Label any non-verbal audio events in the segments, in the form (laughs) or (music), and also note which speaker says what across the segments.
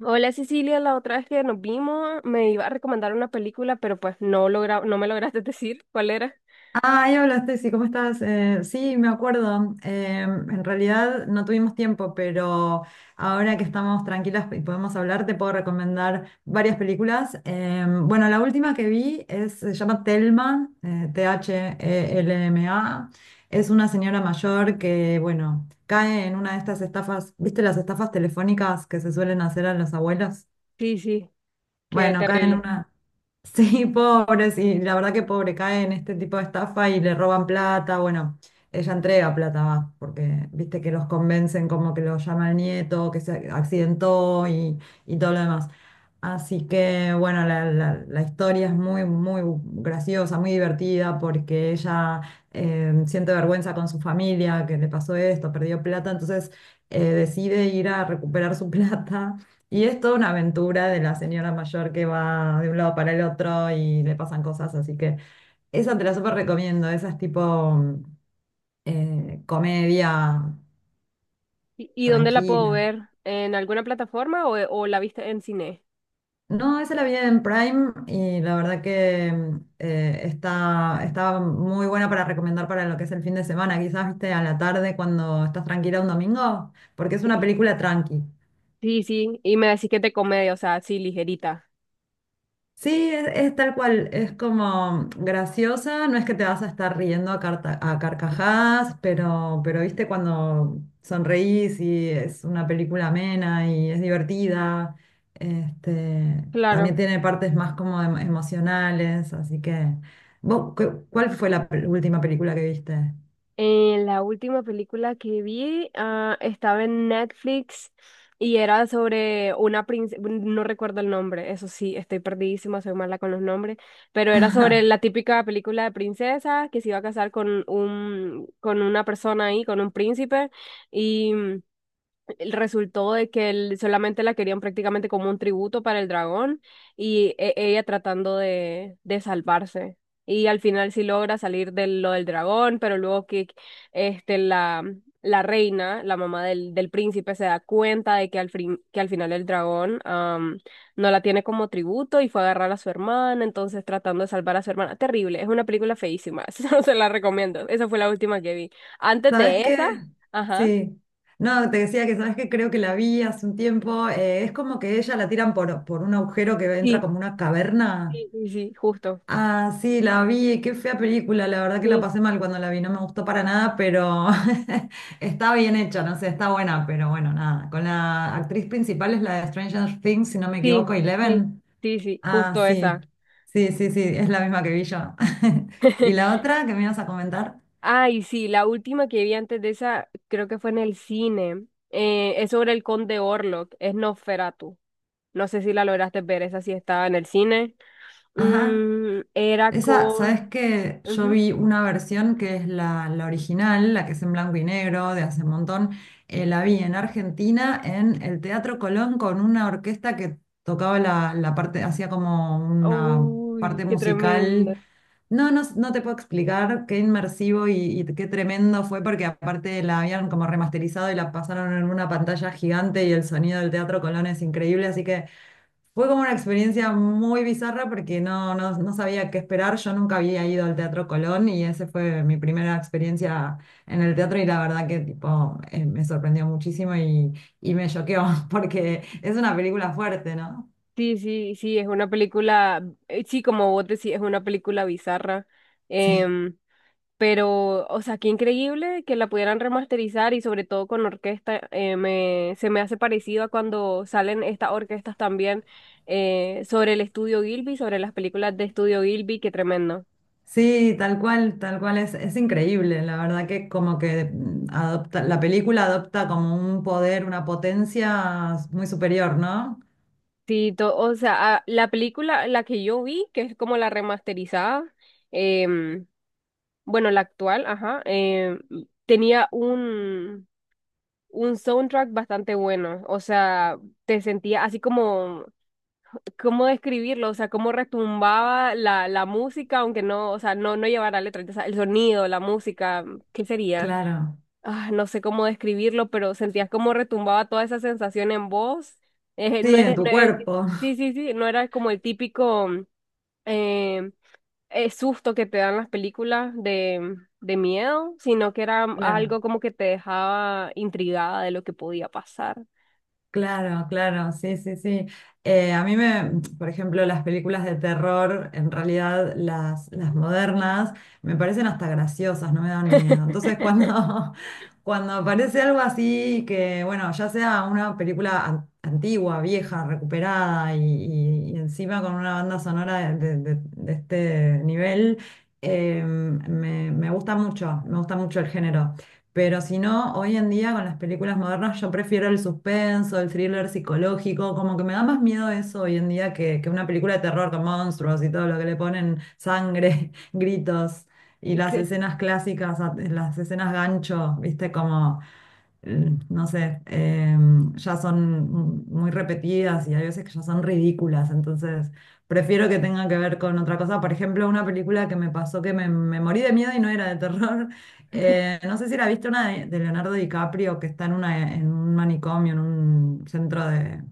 Speaker 1: Hola Cecilia, la otra vez que nos vimos me iba a recomendar una película, pero pues no logra, no me lograste (laughs) decir cuál era.
Speaker 2: Ah, ya hablaste, sí, ¿cómo estás? Sí, me acuerdo. En realidad no tuvimos tiempo, pero ahora que estamos tranquilas y podemos hablar, te puedo recomendar varias películas. Bueno, la última que vi es, se llama Thelma, Thelma. Es una señora mayor que, bueno, cae en una de estas estafas, ¿viste las estafas telefónicas que se suelen hacer a las abuelas?
Speaker 1: Sí, sí, qué
Speaker 2: Bueno, cae en
Speaker 1: terrible.
Speaker 2: una... Sí, (laughs) pobre, sí, la verdad que pobre, cae en este tipo de estafa y le roban plata. Bueno, ella entrega plata, va, porque viste que los convencen como que lo llama el nieto, que se accidentó y todo lo demás. Así que, bueno, la historia es muy, muy graciosa, muy divertida, porque ella siente vergüenza con su familia, que le pasó esto, perdió plata, entonces decide ir a recuperar su (laughs) plata y es toda una aventura de la señora mayor que va de un lado para el otro y le pasan cosas, así que esa te la súper recomiendo, esa es tipo comedia
Speaker 1: Y dónde la puedo
Speaker 2: tranquila.
Speaker 1: ver? ¿En alguna plataforma o la viste en cine?
Speaker 2: No, esa la vi en Prime y la verdad que está muy buena para recomendar para lo que es el fin de semana, quizás viste a la tarde cuando estás tranquila un domingo, porque es una película tranqui.
Speaker 1: Sí, sí, y me decís que es de comedia, o sea, así ligerita.
Speaker 2: Sí, es tal cual, es como graciosa, no es que te vas a estar riendo a carcajadas, pero viste cuando sonreís y es una película amena y es divertida, este, también
Speaker 1: Claro.
Speaker 2: tiene partes más como emocionales, así que, ¿vos cuál fue la última película que viste?
Speaker 1: La última película que vi estaba en Netflix y era sobre una princesa. No recuerdo el nombre, eso sí, estoy perdidísima, soy mala con los nombres, pero era sobre la típica película de princesa que se iba a casar con un, con una persona ahí, con un príncipe. Resultó de que él solamente la querían prácticamente como un tributo para el dragón y ella tratando de salvarse. Y al final sí logra salir de lo del dragón, pero luego que la, la reina, la mamá del, del príncipe, se da cuenta de que que al final el dragón no la tiene como tributo y fue a agarrar a su hermana, entonces tratando de salvar a su hermana. Terrible, es una película feísima, (laughs) no se la recomiendo. Esa fue la última que vi. Antes
Speaker 2: ¿Sabes
Speaker 1: de esa,
Speaker 2: qué?
Speaker 1: ajá.
Speaker 2: Sí. No, te decía que sabes que creo que la vi hace un tiempo. Es como que ella la tiran por, un agujero que entra
Speaker 1: Sí.
Speaker 2: como una caverna.
Speaker 1: Sí, sí, sí, justo.
Speaker 2: Ah, sí, la vi, qué fea película, la verdad que la
Speaker 1: Sí,
Speaker 2: pasé mal cuando la vi, no me gustó para nada, pero (laughs) está bien hecha, no sé, está buena, pero bueno, nada. Con la actriz principal es la de Stranger Things, si no me
Speaker 1: sí,
Speaker 2: equivoco,
Speaker 1: sí,
Speaker 2: Eleven.
Speaker 1: sí, sí,
Speaker 2: Ah,
Speaker 1: justo
Speaker 2: sí,
Speaker 1: esa.
Speaker 2: sí, sí, sí, es la misma que vi yo. (laughs) ¿Y la otra que me ibas a comentar?
Speaker 1: Ay, sí, la última que vi antes de esa, creo que fue en el cine. Es sobre el conde Orlok, es Nosferatu. No sé si la lograste ver, esa sí estaba en el cine.
Speaker 2: Ajá.
Speaker 1: Mm, era
Speaker 2: Esa, ¿sabes
Speaker 1: con...
Speaker 2: qué? Yo
Speaker 1: Ujú.
Speaker 2: vi una versión que es la original, la que es en blanco y negro, de hace un montón. La vi en Argentina, en el Teatro Colón, con una orquesta que tocaba la parte, hacía como una
Speaker 1: Uy,
Speaker 2: parte
Speaker 1: qué tremenda.
Speaker 2: musical. No, no, no te puedo explicar qué inmersivo y qué tremendo fue, porque aparte la habían como remasterizado y la pasaron en una pantalla gigante y el sonido del Teatro Colón es increíble, así que... Fue como una experiencia muy bizarra porque no sabía qué esperar. Yo nunca había ido al Teatro Colón y esa fue mi primera experiencia en el teatro y la verdad que tipo, me sorprendió muchísimo y me choqueó (laughs) porque es una película fuerte, ¿no?
Speaker 1: Sí, sí, sí, es una película, sí, como vos decís, es una película bizarra.
Speaker 2: Sí.
Speaker 1: Em, Pero, o sea, qué increíble que la pudieran remasterizar y sobre todo con orquesta. Me, se me hace parecido a cuando salen estas orquestas también sobre el estudio Gilby, sobre las películas de estudio Gilby, qué tremendo.
Speaker 2: Sí, tal cual es increíble. La verdad que como que la película adopta como un poder, una potencia muy superior, ¿no?
Speaker 1: Sí, o sea, la película, la que yo vi, que es como la remasterizada, em, bueno, la actual, ajá, tenía un soundtrack bastante bueno. O sea, te sentía así como... Cómo describirlo, o sea, cómo retumbaba la, la música, aunque no, o sea, no, no llevara letra, o sea, el sonido, la música, ¿qué sería?
Speaker 2: Claro.
Speaker 1: Ah, no sé cómo describirlo, pero sentías cómo retumbaba toda esa sensación en vos. No
Speaker 2: Sí,
Speaker 1: es-
Speaker 2: en tu
Speaker 1: no es-
Speaker 2: cuerpo.
Speaker 1: sí,
Speaker 2: (laughs)
Speaker 1: sí, sí, no era como el típico eh, susto que te dan las películas de miedo, sino que era
Speaker 2: Claro.
Speaker 1: algo como que te dejaba intrigada de lo que podía pasar.
Speaker 2: Claro, claro, sí, sí, sí. A mí me, por ejemplo, las películas de terror, en realidad las modernas, me parecen hasta graciosas, no me dan miedo. Entonces,
Speaker 1: (laughs)
Speaker 2: cuando, (laughs) cuando aparece algo así que, bueno, ya sea una película antigua, vieja, recuperada y encima con una banda sonora de este nivel, me gusta mucho, me gusta mucho el género. Pero si no, hoy en día con las películas modernas yo prefiero el suspenso, el thriller psicológico, como que me da más miedo eso hoy en día que una película de terror con monstruos y todo lo que le ponen sangre, (laughs) gritos y las
Speaker 1: ¿Qué?
Speaker 2: escenas clásicas, las escenas gancho, viste, como, no sé, ya son muy repetidas y hay veces que ya son ridículas, entonces prefiero que tenga que ver con otra cosa. Por ejemplo, una película que me pasó que me morí de miedo y no era de terror no sé si la viste una de Leonardo DiCaprio que está en un manicomio, en un centro de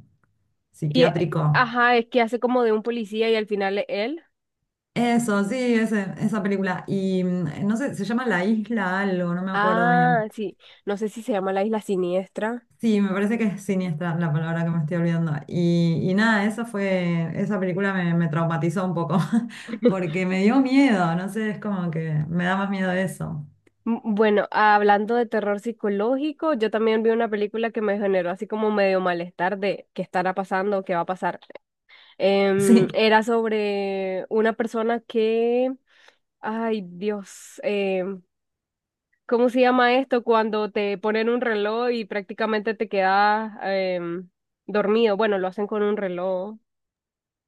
Speaker 1: Y,
Speaker 2: psiquiátrico.
Speaker 1: ajá, es que hace como de un policía y al final es él.
Speaker 2: Eso, sí, esa película. Y no sé, se llama La Isla algo, no me acuerdo
Speaker 1: Ah,
Speaker 2: bien.
Speaker 1: sí. No sé si se llama La Isla Siniestra.
Speaker 2: Sí, me parece que es siniestra la palabra que me estoy olvidando. Y nada, esa película me traumatizó un poco, (laughs)
Speaker 1: (laughs)
Speaker 2: porque me dio miedo, no sé, es como que me da más miedo eso.
Speaker 1: Bueno, hablando de terror psicológico, yo también vi una película que me generó así como medio malestar de qué estará pasando, qué va a pasar.
Speaker 2: Sí.
Speaker 1: Era sobre una persona que, ay Dios, em, ¿cómo se llama esto? Cuando te ponen un reloj y prácticamente te quedas em, dormido. Bueno, lo hacen con un reloj.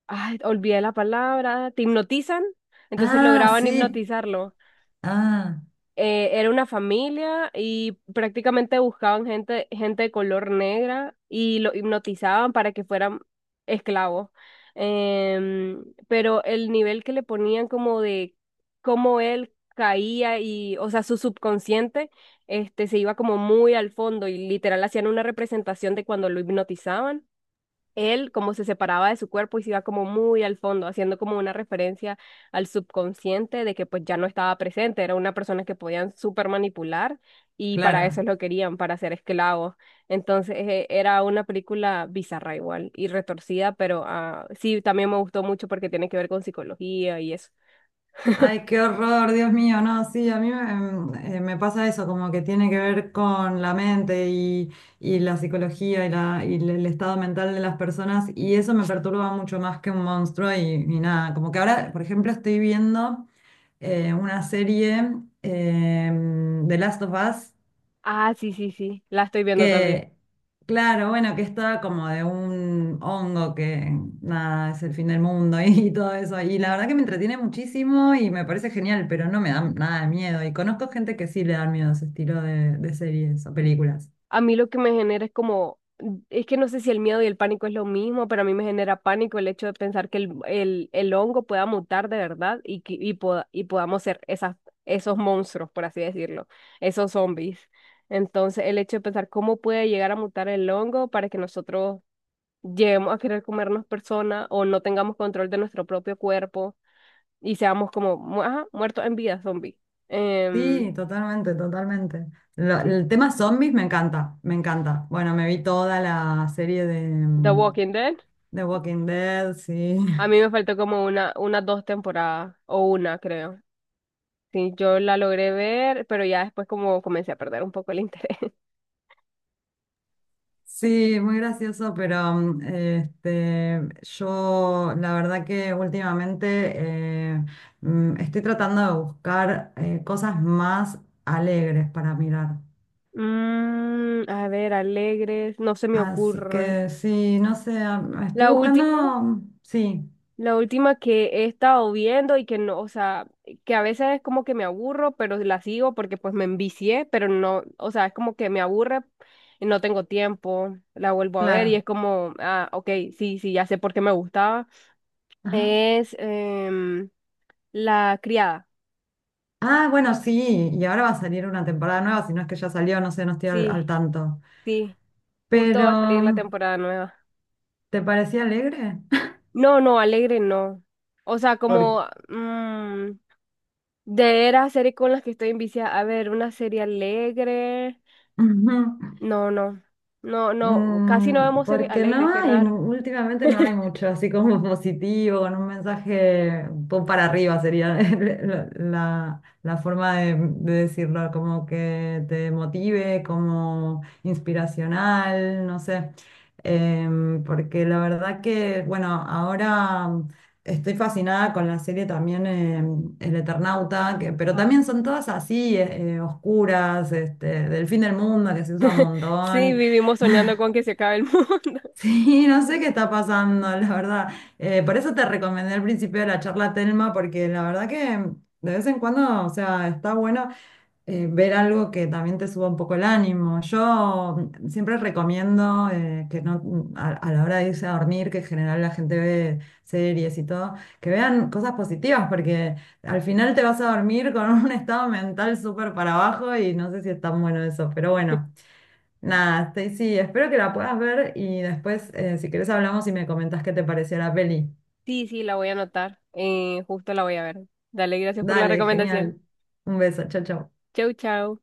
Speaker 1: Ay, olvidé la palabra, te hipnotizan, entonces
Speaker 2: Ah,
Speaker 1: lograban
Speaker 2: sí.
Speaker 1: hipnotizarlo.
Speaker 2: Ah,
Speaker 1: Era una familia y prácticamente buscaban gente, gente de color negra y lo hipnotizaban para que fueran esclavos. Pero el nivel que le ponían como de cómo él caía y, o sea, su subconsciente, se iba como muy al fondo y literal hacían una representación de cuando lo hipnotizaban él como se separaba de su cuerpo y se iba como muy al fondo, haciendo como una referencia al subconsciente de que pues ya no estaba presente, era una persona que podían súper manipular y para eso
Speaker 2: claro.
Speaker 1: lo querían, para ser esclavos. Entonces era una película bizarra igual y retorcida, pero sí, también me gustó mucho porque tiene que ver con psicología y eso.
Speaker 2: Ay,
Speaker 1: (laughs)
Speaker 2: qué horror, Dios mío, no, sí, a mí me pasa eso, como que tiene que ver con la mente y la psicología y el estado mental de las personas y eso me perturba mucho más que un monstruo y nada, como que ahora, por ejemplo, estoy viendo una serie The Last of Us
Speaker 1: Ah, sí, sí, sí, la estoy viendo también.
Speaker 2: que, claro, bueno, que estaba como de un hongo que nada, es el fin del mundo (laughs) y, todo eso. Y la verdad que me entretiene muchísimo y me parece genial, pero no me da nada de miedo. Y conozco gente que sí le da miedo ese estilo de series o películas.
Speaker 1: A mí lo que me genera es como, es que no sé si el miedo y el pánico es lo mismo, pero a mí me genera pánico el hecho de pensar que el hongo pueda mutar de verdad y, y, y podamos ser esas, esos monstruos, por así decirlo, esos zombies. Entonces, el hecho de pensar cómo puede llegar a mutar el hongo para que nosotros lleguemos a querer comernos personas o no tengamos control de nuestro propio cuerpo y seamos como, ajá, muertos en vida, zombies. Em,
Speaker 2: Sí, totalmente, totalmente. Lo-
Speaker 1: sí.
Speaker 2: el tema zombies me encanta, me encanta. Bueno, me vi toda la serie de
Speaker 1: The Walking Dead.
Speaker 2: The Walking Dead, sí. (laughs)
Speaker 1: A mí me faltó como una, unas dos temporadas, o una, creo. Sí, yo la logré ver, pero ya después como comencé a perder un poco el interés. (laughs)
Speaker 2: Sí, muy gracioso, pero este, yo la verdad que últimamente eh, estoy tratando de buscar cosas más alegres para mirar.
Speaker 1: Mm, a ver, alegres, no se me
Speaker 2: Así
Speaker 1: ocurre.
Speaker 2: que sí, no sé, estoy
Speaker 1: La
Speaker 2: buscando,
Speaker 1: última,
Speaker 2: sí,
Speaker 1: la última que he estado viendo y que no, o sea, que a veces es como que me aburro, pero la sigo porque pues me envicié, pero no, o sea, es como que me aburre y no tengo tiempo, la vuelvo a ver y es
Speaker 2: claro.
Speaker 1: como, ah, ok, sí, sí, ya sé por qué me gustaba.
Speaker 2: Ajá.
Speaker 1: Es, La criada.
Speaker 2: Ah, bueno, sí, y ahora va a salir una temporada nueva, si no es que ya salió, no sé, no estoy al,
Speaker 1: Sí,
Speaker 2: al tanto.
Speaker 1: sí. Justo
Speaker 2: Pero,
Speaker 1: va a salir la temporada nueva.
Speaker 2: ¿te parecía alegre? (laughs)
Speaker 1: No, no, alegre no. O sea, como
Speaker 2: Porque...
Speaker 1: mm, de era serie con las que estoy en vicia. A ver, una serie alegre.
Speaker 2: (laughs)
Speaker 1: No, no. No, no. Casi no
Speaker 2: Mm,
Speaker 1: vemos series
Speaker 2: porque no
Speaker 1: alegres, qué
Speaker 2: hay,
Speaker 1: raro.
Speaker 2: últimamente no hay mucho así como (laughs) positivo, con un mensaje un poco para arriba sería (laughs) la forma de decirlo, como que te motive, como inspiracional, no sé. Porque la verdad que, bueno, ahora estoy fascinada con la serie también El Eternauta, que, pero
Speaker 1: Ah.
Speaker 2: también son todas así, oscuras, este, del fin del mundo, que se usa un
Speaker 1: Sí,
Speaker 2: montón.
Speaker 1: vivimos soñando con que se acabe el mundo. (laughs)
Speaker 2: Sí, no sé qué está pasando, la verdad. Por eso te recomendé al principio de la charla Telma, porque la verdad que de vez en cuando, o sea, está bueno ver algo que también te suba un poco el ánimo. Yo siempre recomiendo que no, a la hora de irse a dormir, que en general la gente ve series y todo, que vean cosas positivas, porque al final te vas a dormir con un (laughs) estado mental súper para abajo y no sé si es tan bueno eso, pero bueno. Nada, Stacy, espero que la puedas ver y después, si querés, hablamos y me comentás qué te pareció la peli.
Speaker 1: Sí, sí, la voy a anotar. Justo la voy a ver. Dale, gracias por la
Speaker 2: Dale,
Speaker 1: recomendación.
Speaker 2: genial. Un beso, chao, chao.
Speaker 1: Chau, chau.